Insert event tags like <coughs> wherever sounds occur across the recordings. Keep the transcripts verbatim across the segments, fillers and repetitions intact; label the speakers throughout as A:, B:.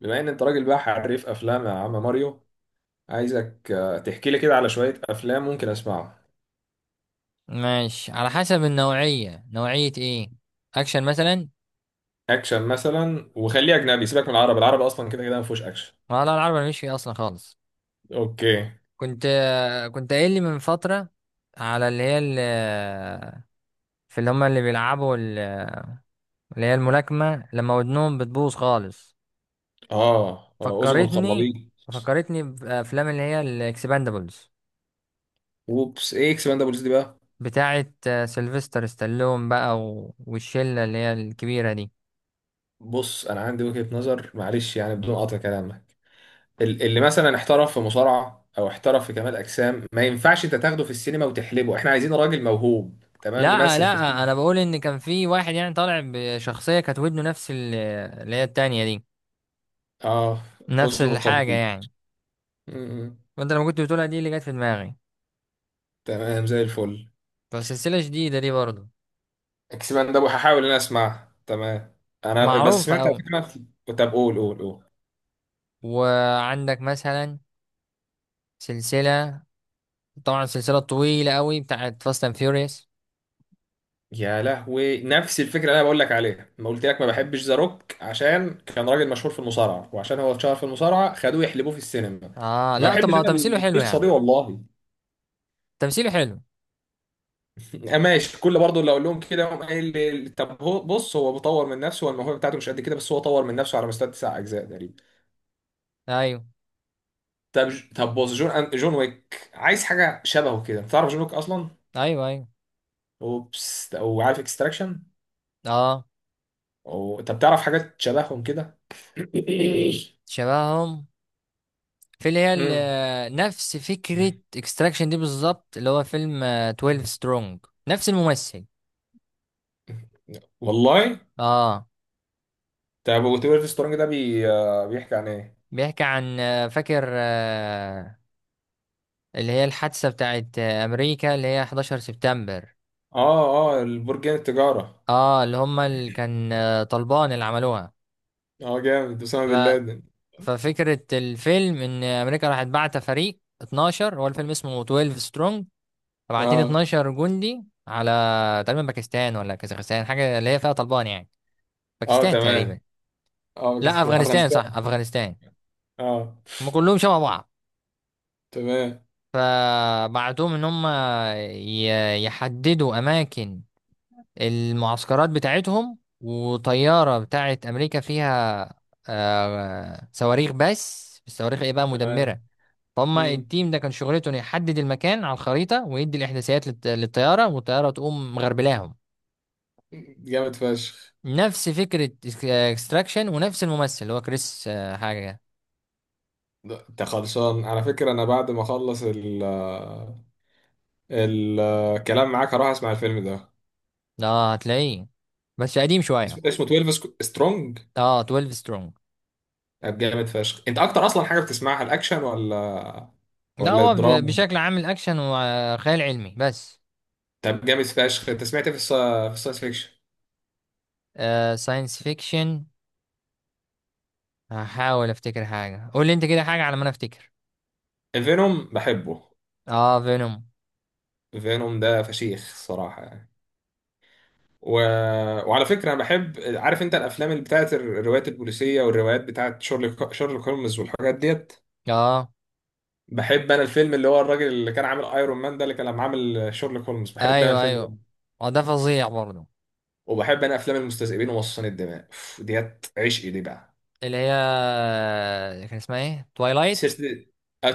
A: بما ان انت راجل بقى حريف افلام يا عم ماريو. عايزك آه، تحكي لي كده على شويه افلام ممكن اسمعها.
B: ماشي، على حسب النوعية. نوعية ايه؟ اكشن مثلا.
A: اكشن مثلا، وخليه اجنبي، سيبك من العربي، العربي اصلا كده كده ما فيهوش اكشن.
B: لا لا، العربي مش فيه اصلا خالص.
A: اوكي.
B: كنت كنت قايل لي من فترة على اللي هي ال- في اللي هما اللي بيلعبوا ال- اللي هي الملاكمة، لما ودنهم بتبوظ خالص.
A: اه آه، اذن
B: فكرتني
A: القرنبيط.
B: فكرتني بأفلام اللي هي الإكسباندبلز،
A: وبس ايه اكسباندابلز دي بقى؟
B: بتاعة سيلفستر ستالون بقى و- والشلة اللي هي الكبيرة دي.
A: بص انا عندي وجهه نظر، معلش يعني بدون قطع كلامك. ال- اللي مثلا احترف في مصارعه او احترف في كمال اجسام، ما ينفعش انت تاخده في السينما وتحلبه. احنا عايزين راجل موهوب تمام
B: لا
A: يمثل في
B: لا،
A: السينما.
B: أنا بقول إن كان في واحد يعني طالع بشخصية كانت ودنه نفس ال- اللي هي التانية دي،
A: اه،
B: نفس
A: اذن
B: الحاجة
A: القرنبيط.
B: يعني.
A: م- م.
B: وانت لما كنت بتقولها دي اللي جت في دماغي،
A: تمام زي الفل.
B: فسلسلة جديدة دي برضه،
A: اكسبان ده هحاول ان انا اسمعها، تمام. انا بس
B: معروفة
A: سمعت
B: أوي.
A: على فكره. طب قول قول قول.
B: وعندك مثلا سلسلة، طبعا سلسلة طويلة أوي بتاعت فاست اند فيوريوس.
A: يا لهوي نفس الفكره اللي انا بقول لك عليها، ما قلت لك ما بحبش ذا روك عشان كان راجل مشهور في المصارعه، وعشان هو اتشهر في المصارعه خدوه يحلبوه في السينما.
B: اه
A: ما
B: لا، طب
A: بحبش
B: ما هو
A: انا
B: تمثيله حلو يا
A: القصه
B: عم.
A: دي والله.
B: تمثيله حلو.
A: <laughs> آه، ماشي، كل برضه اللي اقول لهم كده يقوم قايل لي طب هو. بص، هو بيطور من نفسه والموهبه بتاعته مش قد كده، بس هو طور من نفسه على مستوى تسع اجزاء تقريبا.
B: ايوه،
A: طب، طب بص، جون جون ويك عايز حاجه شبهه كده. تعرف جون ويك اصلا؟
B: ايوه، ايوه.
A: اوبس. وعارف اكستراكشن؟
B: اه،
A: أو... طب تعرف حاجات شبههم كده؟ <coughs> <laughs>
B: شبههم في اللي هي
A: امم
B: ال- نفس فكرة اكستراكشن دي بالظبط، اللي هو فيلم آه، اتناشر سترونج. نفس الممثل.
A: والله.
B: اه،
A: طب وتبقى سترونج ده بي... آه، بيحكي عن ايه؟
B: بيحكي عن آه، فاكر آه، اللي هي الحادثة بتاعت آه، أمريكا، اللي هي حداشر سبتمبر.
A: اه اه، البرجين التجارة.
B: اه اللي هما اللي كان آه، طالبان اللي عملوها.
A: اه جامد، اسامة
B: ف...
A: بن لادن.
B: ففكرة الفيلم إن أمريكا راح بعت فريق اتناشر. هو الفيلم اسمه اتناشر سترونج. فبعتين
A: اه
B: اثنا عشر جندي على تقريبا باكستان ولا كازاخستان، حاجة اللي هي فيها طالبان يعني.
A: اه،
B: باكستان
A: تمام.
B: تقريبا.
A: اه،
B: لا،
A: باكستان
B: أفغانستان.
A: افغانستان.
B: صح، أفغانستان.
A: اه،
B: هم كلهم شبه بعض.
A: تمام.
B: فبعتوهم إن هم ي- يحددوا أماكن المعسكرات بتاعتهم، وطيارة بتاعت أمريكا فيها آه صواريخ، بس الصواريخ إيه بقى،
A: تمام.
B: مدمرة. فهم
A: امم
B: التيم ده كان شغلته إنه يحدد المكان على الخريطة ويدي الإحداثيات للط- للطيارة، والطيارة تقوم مغربلاهم.
A: جامد فشخ.
B: نفس فكرة اكستراكشن ونفس الممثل، اللي هو كريس آه حاجة.
A: ده- انت خلصان؟ على فكرة انا بعد ما اخلص ال آه، ال- الكلام معاك هروح اسمع الفيلم ده.
B: ده آه هتلاقيه، بس قديم شوية.
A: اسمه، اسمه اتناشر سترونج؟
B: اه، اتناشر سترونج.
A: طب جامد فشخ. انت اكتر اصلا حاجه بتسمعها الاكشن ولا
B: لا،
A: ولا
B: هو ب-
A: الدراما؟
B: بشكل عام الأكشن وخيال علمي بس.
A: طب جامد فشخ، انت سمعت ايه في الس- في الساينس فيكشن؟
B: آه ساينس فيكشن. هحاول افتكر حاجة، قول لي انت كده حاجة على ما انا افتكر.
A: فينوم بحبه.
B: اه، فينوم.
A: فينوم ده فشيخ الصراحه يعني. و... وعلى فكره انا بحب، عارف انت الافلام اللي بتاعت الروايات البوليسيه والروايات بتاعت شارلوك، شارلوك هولمز والحاجات ديت؟
B: اه،
A: بحب انا الفيلم اللي هو الراجل اللي كان عامل ايرون مان ده، اللي كان لما عامل شارلوك هولمز، بحب انا
B: ايوه،
A: الفيلم ده.
B: ايوه. اه، ده فظيع برضه.
A: وبحب انا افلام المستذئبين ومصاصين الدماء، أوف، ديت عشقي دي بقى.
B: اللي هي كان اسمها ايه، توايلايت؟
A: سلسله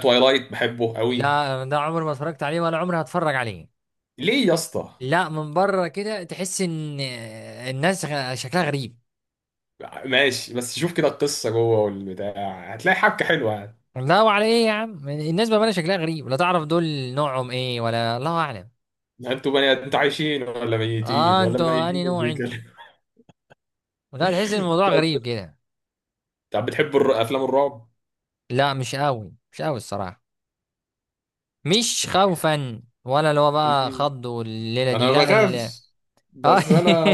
A: تويلايت بحبه قوي.
B: لا، ده عمري ما اتفرجت عليه ولا عمري هتفرج عليه.
A: ليه يا اسطى؟
B: لا، من بره كده تحس ان الناس غ- شكلها غريب.
A: ماشي، بس شوف كده القصه جوه والبتاع هتلاقي حبكه حلوه يعني.
B: لا، وعلى ايه يا عم الناس بقى شكلها غريب. لا تعرف دول نوعهم ايه ولا الله اعلم.
A: انتوا بني انتوا عايشين ولا ميتين؟
B: اه،
A: ولا
B: انتوا
A: ميتين
B: انهي نوع انتوا؟
A: وبيتكلم؟
B: لا، تحس ان
A: <laughs>
B: الموضوع
A: طب،
B: غريب كده.
A: طب بتحبوا الر- افلام الرعب؟
B: لا، مش قوي، مش قوي الصراحة. مش خوفا ولا اللي هو بقى
A: مم.
B: خض والليله دي
A: انا ما
B: لا ال...
A: بخافش،
B: آه. <laughs>
A: بس انا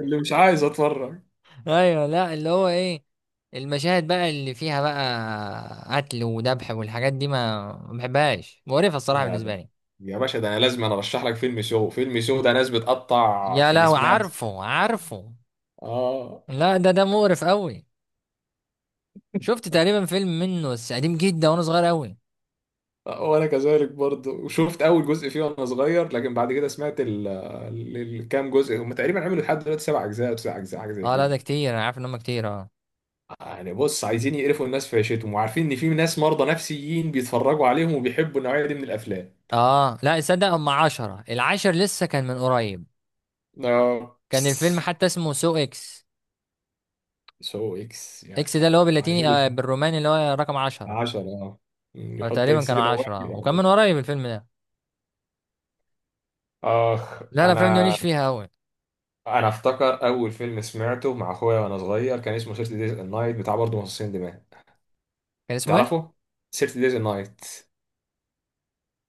A: اللي مش عايز اتفرج.
B: ايوه، لا اللي هو ايه، المشاهد بقى اللي فيها بقى قتل وذبح والحاجات دي، ما ما بحبهاش. مقرفه الصراحه
A: لا
B: بالنسبه
A: ده،
B: لي.
A: يا باشا ده انا لازم انا ارشح لك فيلم شو. فيلم شو ده ناس بتقطع
B: يا
A: في
B: لهوي،
A: جسمها.
B: عارفه، عارفه.
A: اه
B: لا، ده ده مقرف قوي. شفت تقريبا فيلم منه بس قديم جدا وانا صغير قوي.
A: آه، وانا كذلك برضه، وشفت اول جزء فيه وانا صغير، لكن بعد كده سمعت ال- ال- الكام جزء، هم تقريبا عملوا لحد دلوقتي سبع اجزاء او تسع اجزاء حاجه زي
B: اه لا،
A: كده.
B: ده كتير، انا عارف ان هم كتير، اه.
A: يعني بص، عايزين يقرفوا الناس في عيشتهم وعارفين ان في ناس مرضى نفسيين بيتفرجوا عليهم وبيحبوا النوعيه دي من الافلام.
B: اه، لا تصدق، هم عشرة، العاشر لسه كان من قريب.
A: آه،
B: كان الفيلم
A: بس.
B: حتى اسمه سو اكس.
A: سو اكس، يا
B: اكس ده اللي هو
A: سلام
B: باللاتيني
A: عامل.
B: آه بالروماني، اللي هو رقم عشرة.
A: عشرة اه. يحط
B: فتقريبا
A: اكس
B: كانوا
A: كده واحد
B: عشرة
A: يبقى
B: وكان من
A: حداشر.
B: قريب الفيلم ده.
A: اخ
B: لا، الافلام دي
A: انا.
B: ماليش فيها قوي.
A: انا افتكر اول فيلم سمعته مع اخويا وانا صغير كان اسمه ثلاثين دايز النايت، بتاع برضه مصاصين دماء.
B: كان اسمه ايه؟
A: تعرفه؟ ثلاثين دايز نايت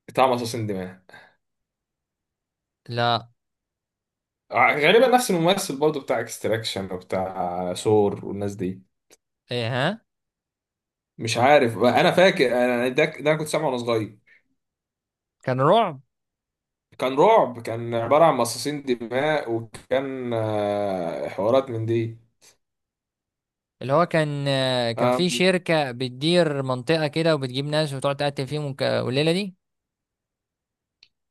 A: بتاع مصاصين دماء.
B: لا،
A: غالبا نفس الممثل برضه بتاع اكستراكشن وبتاع سور والناس دي.
B: ايه؟ ها،
A: مش عارف، انا فاكر انا ده, ده انا كنت سامعه وانا صغير.
B: كان رعب.
A: كان رعب. كان عبارة عن مصاصين دماء وكان آه، حوارات من دي.
B: اللي هو كان آه كان
A: آم،
B: في شركة بتدير منطقة كده وبتجيب ناس وتقعد تقتل فيهم وك- والليلة دي.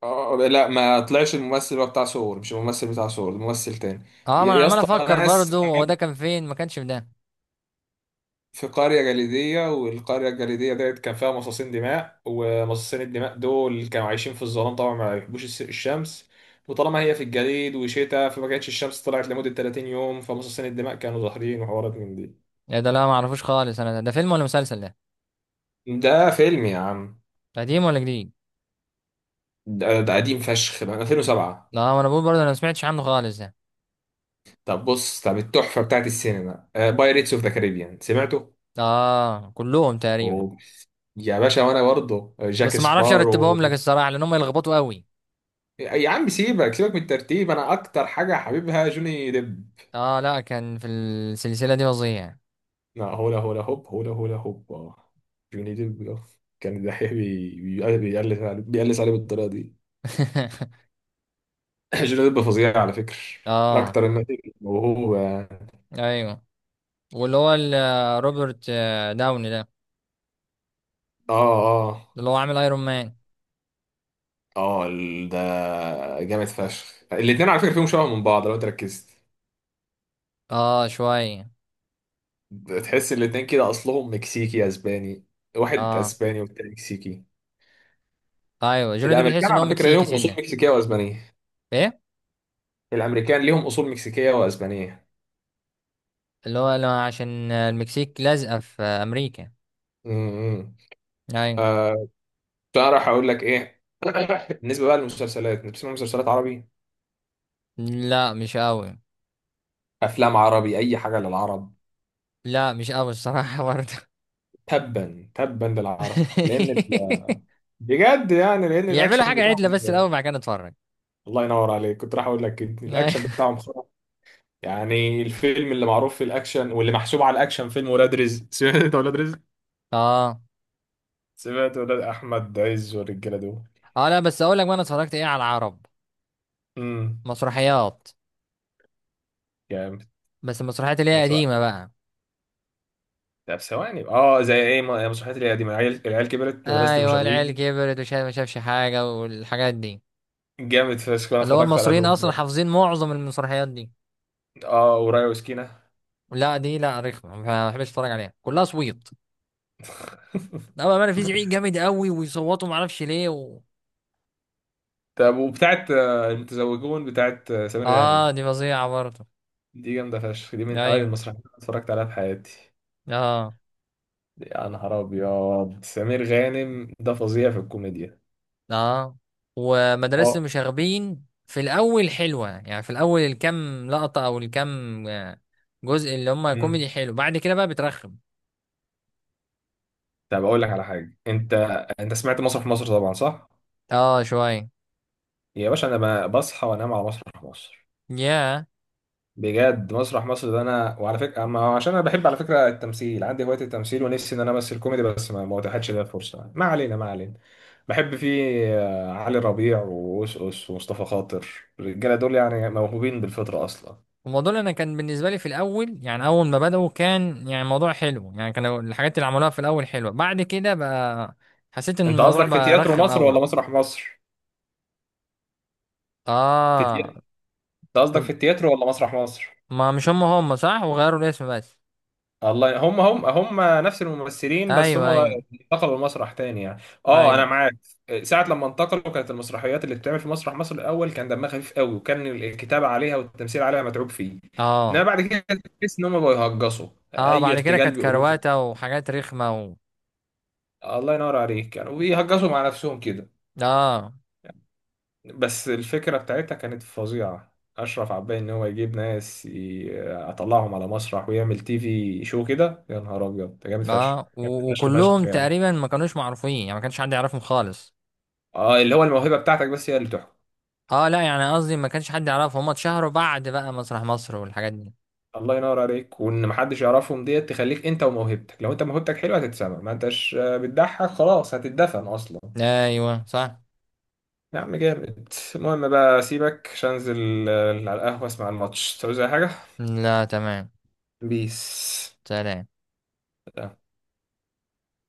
A: آه، لا، ما طلعش الممثل بقى بتاع سور، مش الممثل بتاع سور، الممثل تاني.
B: اه، ما
A: يا
B: انا
A: يا
B: عمال
A: اسطى،
B: افكر
A: ناس
B: برضه، هو ده كان فين، ما كانش في ده.
A: في قرية جليدية، والقرية الجليدية ديت كان فيها مصاصين دماء، ومصاصين الدماء دول كانوا عايشين في الظلام طبعا، ما بيحبوش الس- الشمس. وطالما هي في الجليد وشتاء، فما كانتش الشمس طلعت لمدة ثلاثين يوم، فمصاصين الدماء كانوا ظاهرين وحوارات من دي.
B: إيه ده؟ لا، ما اعرفوش خالص انا، ده, ده فيلم ولا مسلسل ده؟
A: ده فيلم يا عم.
B: قديم ولا جديد؟
A: ده, ده قديم فشخ من ألفين وسبعة.
B: لا، ما انا بقول برضه انا ما سمعتش عنه خالص ده.
A: طب بص، طب التحفة بتاعت السينما بايريتس اوف ذا كاريبيان سمعته؟
B: اه، كلهم تقريبا.
A: أوه. يا باشا، وانا برضه آه، جاك
B: بس ما اعرفش
A: سبارو.
B: ارتبهم لك الصراحة، لان هم يلخبطوا قوي.
A: يا عم سيبك، سيبك من الترتيب، انا اكتر حاجة حبيبها جوني ديب.
B: اه، لا كان في السلسلة دي فظيع.
A: لا، هولا هولا هوب، هولا هولا هوب، اه. جوني ديب آه. كان الدحيح <laughs> بي- بي- بيقلس عليه، بيقلس عليه بالطريقه دي.
B: <laughs>
A: <laughs> جوني ديب فظيع على فكره، من
B: اه،
A: اكتر الناس الموهوبه، اه.
B: ايوه. واللي هو ال- روبرت آه، داوني ده،
A: اه
B: اللي هو عامل ايرون مان.
A: اه ال- ده جامد فشخ. الاتنين على فكره فيهم شبه من بعض لو انت ركزت.
B: اه، شوية.
A: تحس الاتنين كده اصلهم مكسيكي اسباني. واحد
B: اه،
A: اسباني والتاني مكسيكي.
B: ايوه، جوني ده
A: الامريكان
B: بتحس ان هو
A: على فكره ليهم
B: مكسيكي
A: اصول
B: سنة.
A: مكسيكيه واسبانيه.
B: ايه،
A: الامريكان ليهم اصول مكسيكيه واسبانيه.
B: اللي هو لا، عشان المكسيك لازقة في امريكا.
A: امم
B: ايوه.
A: فأروح أقول لك إيه. <coughs> <laughs> بالنسبة بقى للمسلسلات أنت بتسمع مسلسلات عربي؟
B: لا، مش قوي.
A: أفلام عربي؟ أي حاجة للعرب؟
B: لا، مش قوي الصراحة برضه.
A: تبا تبا للعرب لأن ال...
B: <laughs>
A: بجد يعني، لأن
B: يعملوا
A: الأكشن
B: حاجة
A: بتاعهم
B: عدلة بس
A: زبالة.
B: الاول، بعد كده نتفرج.
A: الله ينور عليك، كنت راح أقول لك كده، الأكشن
B: أيوة.
A: بتاعهم خرا. يعني الفيلم اللي معروف في الأكشن واللي محسوب على الأكشن فيلم ولاد رزق. <laughs> سمعت أنت ولاد رزق؟
B: اه.
A: سمعت ولاد أحمد عز والرجالة دول؟
B: اه، لا بس اقول لك بقى انا اتفرجت ايه على العرب،
A: امم
B: مسرحيات.
A: جامد.
B: بس المسرحيات اللي هي
A: مسرح؟
B: قديمة بقى.
A: طب ثواني، اه. زي ايه؟ م- مسرحيات اللي هي دي من العيال، العيال كبرت، مدرسة
B: ايوه، العيال
A: المشاغبين.
B: كبرت، وشاف ما شافش حاجة، والحاجات دي.
A: جامد فشخ، انا
B: اللي هو
A: اتفرجت على
B: المصريين
A: دول.
B: اصلا حافظين معظم المسرحيات دي.
A: اه، ورايا وسكينة.
B: لا، دي لا، رخمة. ما بحبش اتفرج عليها، كلها صويت.
A: <laughs>
B: لا، بقى في زعيق جامد قوي ويصوتوا ما اعرفش ليه و...
A: طب وبتاعت آه، المتزوجون بتاعت آه، سمير
B: اه،
A: غانم،
B: دي فظيعة برضه.
A: دي جامدة فشخ، دي من أوائل
B: ايوه.
A: المسرحيات اللي اتفرجت عليها في حياتي.
B: اه.
A: يا نهار أبيض، سمير غانم ده فظيع في الكوميديا.
B: اه، ومدرسة
A: اه.
B: المشاغبين في الاول حلوة يعني، في الاول الكام لقطة او الكام آه، جزء اللي هم
A: مم.
B: كوميدي حلو، بعد كده بقى بترخم.
A: طب أقول لك على حاجة، أنت، أنت سمعت مسرح مصر طبعا صح؟
B: اه، شوية.
A: يا باشا، أنا ب- بصحى وأنام على مسرح مصر.
B: ياه.
A: بجد مسرح مصر ده انا، وعلى فكره أما عشان انا بحب على فكره التمثيل، عندي هوايه التمثيل ونفسي ان انا امثل كوميدي، بس ما ما اتاحتش ليا الفرصه، ما علينا ما علينا. بحب فيه آه، علي ربيع وأوس ومصطفى خاطر. الرجاله دول يعني موهوبين بالفطره اصلا.
B: الموضوع اللي انا كان بالنسبه لي في الاول يعني، اول ما بداوا كان يعني موضوع حلو يعني، كانوا الحاجات اللي عملوها في الاول حلوه، بعد كده بقى حسيت ان
A: انت
B: الموضوع
A: قصدك في
B: بقى
A: تياترو
B: رخم
A: مصر
B: قوي.
A: ولا مسرح مصر؟ في تي...
B: اه،
A: انت قصدك في
B: طب
A: التياترو ولا مسرح مصر؟
B: ما مش هم هم صح، وغيروا الاسم بس.
A: الله، هم هم هم، نفس الممثلين بس
B: ايوه،
A: هم
B: ايوه،
A: انتقلوا لمسرح تاني يعني. اه، انا
B: ايوه.
A: معاك. ساعة لما انتقلوا، كانت المسرحيات اللي بتتعمل في مسرح مصر الاول كان دمها خفيف قوي، وكان الكتابة عليها والتمثيل عليها متعوب فيه. انما
B: اه.
A: بعد كده تحس ان هم بقوا يهجصوا،
B: اه،
A: اي
B: بعد كده
A: ارتجال
B: كانت
A: بيقولوه
B: كرواته
A: خلاص.
B: وحاجات رخمه و...
A: الله ينور عليك، كانوا بيهجصوا مع نفسهم كده.
B: اه.
A: بس الفكرة بتاعتها كانت فظيعة، اشرف عباي، ان هو يجيب ناس يطلعهم على مسرح ويعمل تي في شو كده، يا نهار ابيض ده جامد فشخ.
B: اه
A: جامد
B: و...
A: فشخ فشخ
B: وكلهم
A: يعني،
B: تقريبا ما كانوش معروفين يعني، ما كانش حد يعرفهم خالص.
A: اه. اللي هو الموهبه بتاعتك بس هي اللي تحكم.
B: اه لا، يعني قصدي ما كانش حد يعرفهم، هم اتشهروا بعد بقى مسرح مصر والحاجات دي.
A: الله ينور عليك، وان محدش يعرفهم ديت تخليك انت وموهبتك، لو انت موهبتك حلوه هتتسمع. ما انتش آه، بتضحك خلاص، هتتدفن اصلا.
B: ايوه صح.
A: يا عم جامد. المهم بقى سيبك، عشان انزل آه، على القهوه اسمع الماتش. تعوز اي حاجه؟
B: لا تمام.
A: بيس.
B: سلام.